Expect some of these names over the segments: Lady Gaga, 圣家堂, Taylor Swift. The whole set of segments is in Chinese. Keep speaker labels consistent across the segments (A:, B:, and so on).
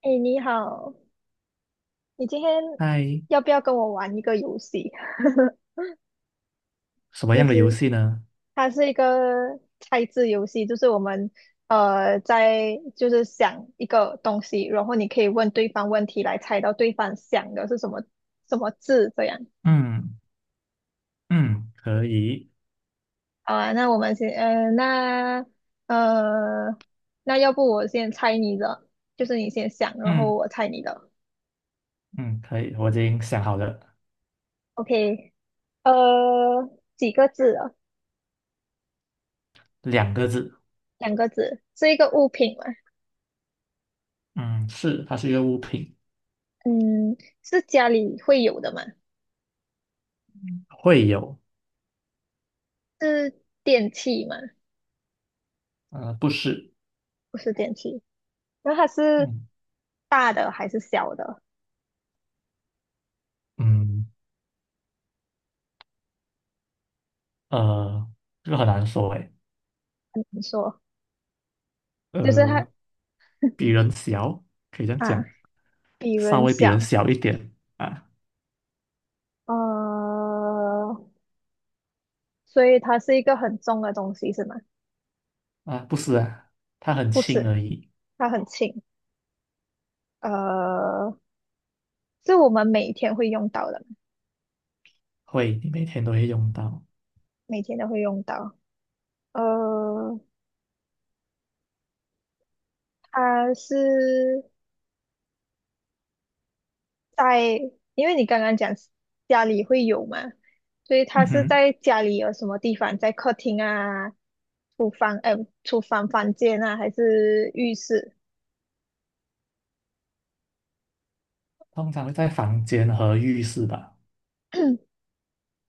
A: 哎，你好，你今天
B: 嗨，
A: 要不要跟我玩一个游戏？
B: 什么
A: 就
B: 样的游
A: 是
B: 戏呢？
A: 它是一个猜字游戏，就是我们呃在就是想一个东西，然后你可以问对方问题来猜到对方想的是什么字这样。
B: 嗯嗯可以，
A: 好啊，那我们先呃那呃那要不我先猜你的，就是你先想，然后
B: 嗯
A: 我猜你的。
B: 嗯可以，我已经想好了，
A: OK，呃，几个字啊？
B: 两个字，
A: 两个字，是一个物品吗？
B: 嗯是，它是一个物品，
A: 嗯，是家里会有的吗？
B: 会有，
A: 是电器吗？
B: 不是，
A: 不是电器，那它是
B: 嗯，
A: 大的还是小的？
B: 嗯，呃，这个很难说诶，
A: 你说，就是它
B: 呃，比人小，可以这样
A: 啊，
B: 讲，
A: 比
B: 稍
A: 人
B: 微比人
A: 小，
B: 小一点啊
A: 呃，所以它是一个很重的东西是吗？
B: 啊，不是啊，它很
A: 不
B: 轻
A: 是，
B: 而已，
A: 它很轻，呃，是我们每天会用到的，
B: 会，你每天都会用到，
A: 每天都会用到，呃，它是在，因为你刚刚讲家里会有嘛，所以他
B: 嗯
A: 是
B: 哼，
A: 在家里有什么地方，在客厅啊、厨房，哎，厨房房间啊，还是浴室？
B: 通常会在房间和浴室吧，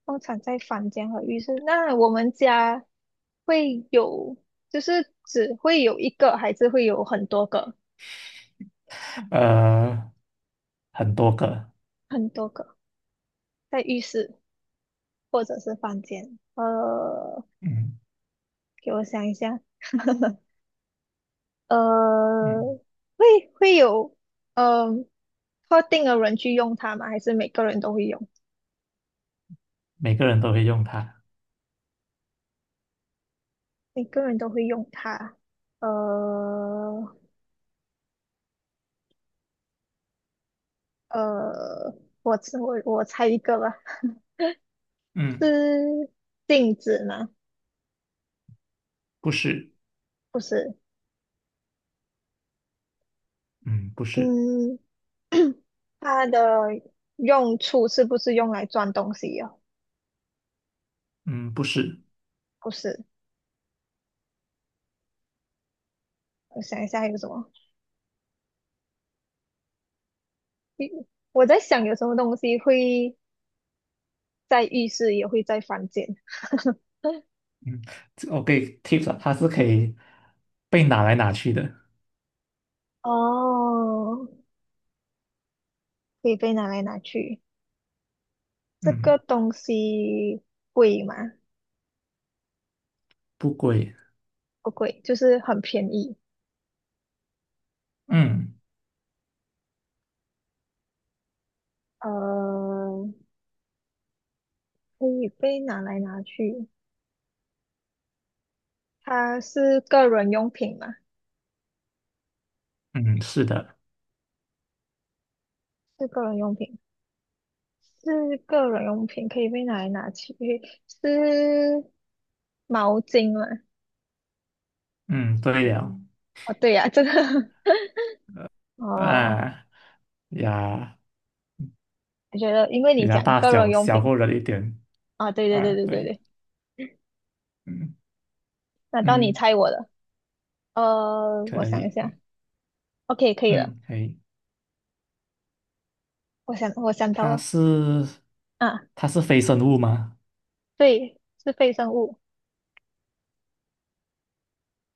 A: 通常在房间和浴室。那我们家会有，就是只会有一个，还是会有很多个？
B: 呃，很多个，
A: 很多个，在浴室或者是房间。
B: 嗯。
A: 给我想一下，呃，
B: 嗯，
A: 会会有。嗯，特定的人去用它吗？还是每个人都会用？
B: 每个人都会用它。
A: 每个人都会用它。呃呃，我猜我猜一个吧，
B: 嗯，
A: 是镜子吗？
B: 不是，
A: 不是，
B: 嗯，不是，
A: 嗯，它的用处是不是用来装东西呀、
B: 嗯，不是，
A: 不是，我想一下还有什么？一我在想有什么东西会在浴室，也会在房间。
B: 嗯，这我给 tips 啊，它是可以被拿来拿去的。
A: 哦，可以被拿来拿去。这
B: 嗯，
A: 个东西贵吗？
B: 不贵。
A: 不贵，就是很便宜。
B: 嗯，
A: 呃，可以被拿来拿去。它是个人用品吗？
B: 嗯，是的。
A: 是个人用品，是个人用品，可以被拿来拿去。是毛巾吗？
B: 嗯，对了。
A: 哦，对呀、这个 哦，
B: 啊呀，
A: 我觉得因为
B: 你
A: 你
B: 的
A: 讲
B: 大
A: 个人
B: 小
A: 用
B: 小
A: 品
B: 过了一点。
A: 啊，对对
B: 啊，
A: 对对对
B: 对。
A: 对，
B: 嗯
A: 那到你
B: 嗯，
A: 猜我的，我
B: 可
A: 想一下
B: 以。
A: ，OK，可以了，
B: 嗯，可以。
A: 我想我想到
B: 它
A: 了
B: 是
A: 啊，
B: 它是非生物吗？
A: 对，是非生物。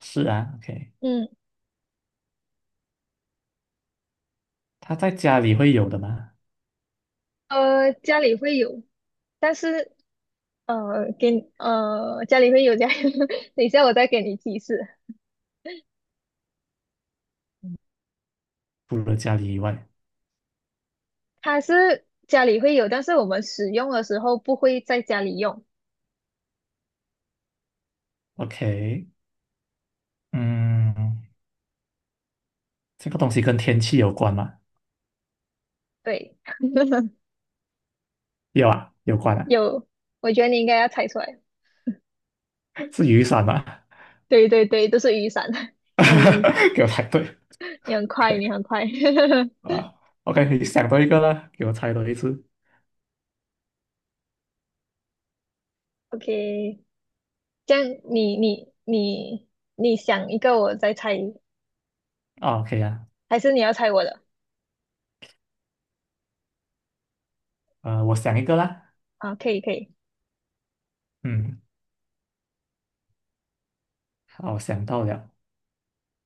B: 是啊，OK。
A: 嗯。
B: 它在家里会有的吗？
A: 家里会有，但是给你家里会有家里，等一下我再给你提示，
B: 除了家里以外
A: 它是家里会有，但是我们使用的时候不会在家里用。
B: ，OK。嗯，这个东西跟天气有关吗？
A: 对，
B: 有啊，有关啊，
A: 有，我觉得你应该要猜出来。
B: 是雨伞吗？
A: 对对对，都是雨伞。哎，你很
B: 给我猜对
A: 你很快，
B: ，OK
A: 你很快。
B: 啊，OK，你想到一个啦，给我猜多一次
A: OK，这样你你想一个，我再猜，
B: 啊，OK 啊，
A: 还是你要猜我的？
B: 我想一个啦，
A: 啊，可以可以，
B: 嗯，好，想到了，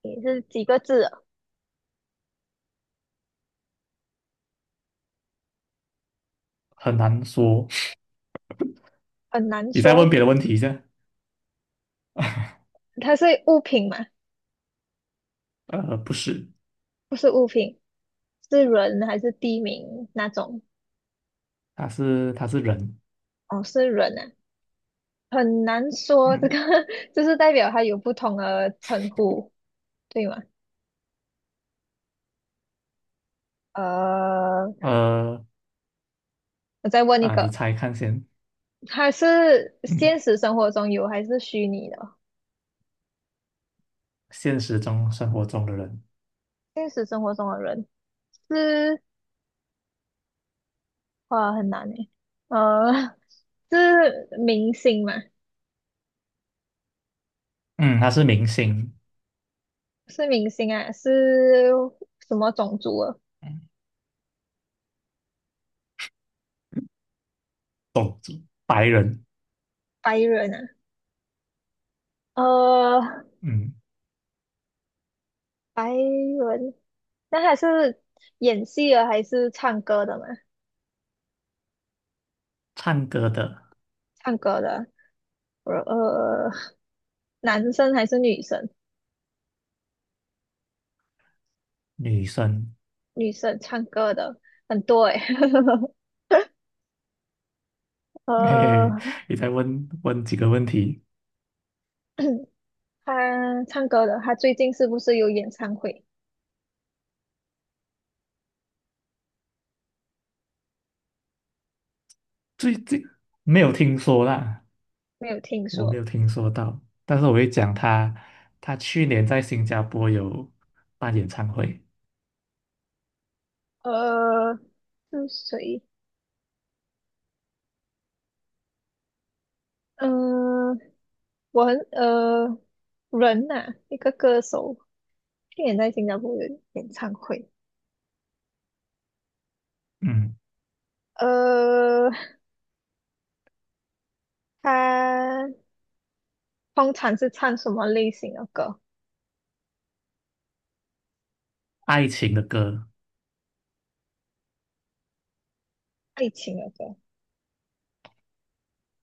A: 也是几个字啊
B: 很难说，
A: 很难
B: 你再问
A: 说。
B: 别的问题一下，
A: 它是物品嘛？
B: 不是，
A: 不是物品，是人还是地名那种？
B: 他是人，
A: 哦，是人啊，很难说这个，
B: 嗯，
A: 就是代表它有不同的称呼，对吗？呃，
B: 呃
A: 我再问一
B: 啊，你
A: 个，
B: 猜看先，
A: 它是
B: 嗯，
A: 现实生活中有还是虚拟的？
B: 现实中生活中的人，
A: 现实生活中的人是，哇，很难诶。呃，是明星嘛？
B: 嗯，他是明星，
A: 是明星啊，是什么种族啊？
B: 嗯，懂白人，
A: 白人啊？呃，
B: 嗯，
A: 白文，那他是演戏的还是唱歌的嘛？
B: 唱歌的。
A: 唱歌的，呃，呃男生还是女生？
B: 女生，
A: 女生唱歌的很多诶、
B: 嘿嘿，
A: 呃，
B: 你再问问几个问题，
A: 他唱歌的，他最近是不是有演唱会？
B: 最近没有听说啦，
A: 没有听
B: 我没
A: 说。
B: 有听说到，但是我会讲她，她去年在新加坡有办演唱会，
A: 呃，是谁？呃，我很呃人呐、一个歌手，去年在新加坡有演唱会。
B: 嗯，
A: 呃，他。通常是唱什么类型的歌？
B: 爱情的歌，
A: 爱情的歌。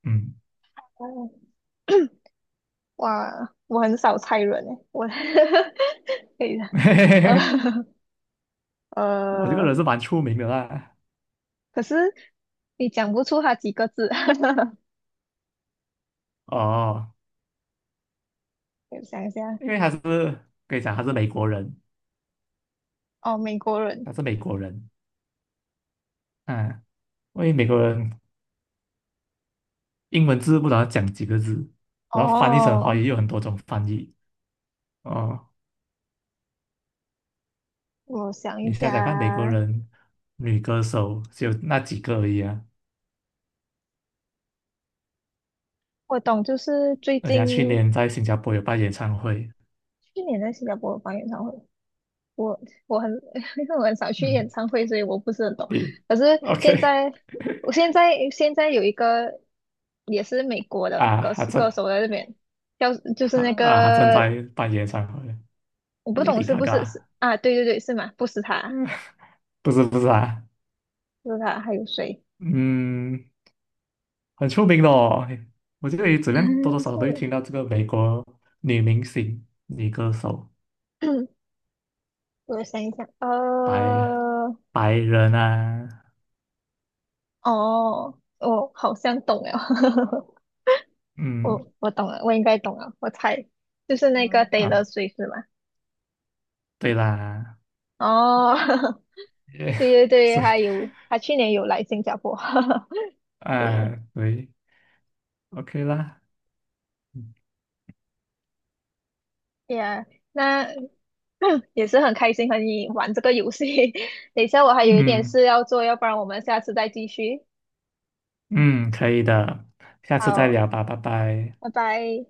B: 嗯，
A: 哦，哇，我很少猜人诶，我 可以的。
B: 嘿嘿
A: 呃
B: 嘿，我这个
A: 呃，
B: 人是蛮出名的啦，
A: 可是你讲不出他几个字。
B: 哦，
A: 我想一下，
B: 因为他是可以讲他是美国人，
A: 哦，美国人。
B: 他是美国人，嗯，因为美国人英文字不知道讲几个字，然后翻译成华
A: 哦，
B: 语有很多种翻译。哦，
A: 我想一
B: 你想想看，美国
A: 下，
B: 人女歌手只有那几个而已啊，
A: 我懂，就是最
B: 而且她去
A: 近
B: 年在新加坡有办演唱会，
A: 去年在新加坡办演唱会，我我很 因为我很少去演
B: 嗯，
A: 唱会，所以我不是很懂。
B: 你
A: 可是
B: OK
A: 现在，我 现在有一个也是美国的
B: 啊？
A: 歌
B: 还
A: 手
B: 正
A: 歌手在这边，叫就是
B: 她
A: 那
B: 啊，她正
A: 个
B: 在办演唱会
A: 我不懂
B: ，Lady
A: 是不是
B: Gaga
A: 是啊？对对对，是吗？不是他，
B: 不是不是啊，
A: 不是他，还有谁？
B: 嗯，很出名的哦，我觉得怎么样多多 少少
A: 错
B: 都会
A: 了，
B: 听到这个美国女明星、女歌手，
A: 我想一想，
B: 白白人啊，
A: 哦，我好像懂了，
B: 嗯
A: 我懂了，我应该懂了，我猜就是那个
B: 嗯
A: Taylor
B: 啊，
A: Swift 是吗？
B: 对啦，
A: 哦，
B: 也
A: 对对 对，
B: 所以
A: 还有他去年有来新加坡，对
B: 啊，对。OK 啦，
A: ，Yeah。那 也是很开心和你玩这个游戏。等一下我还有一点
B: 嗯
A: 事要做，要不然我们下次再继续。
B: 嗯，可以的，下次再
A: 好，
B: 聊吧，拜拜。
A: 拜拜。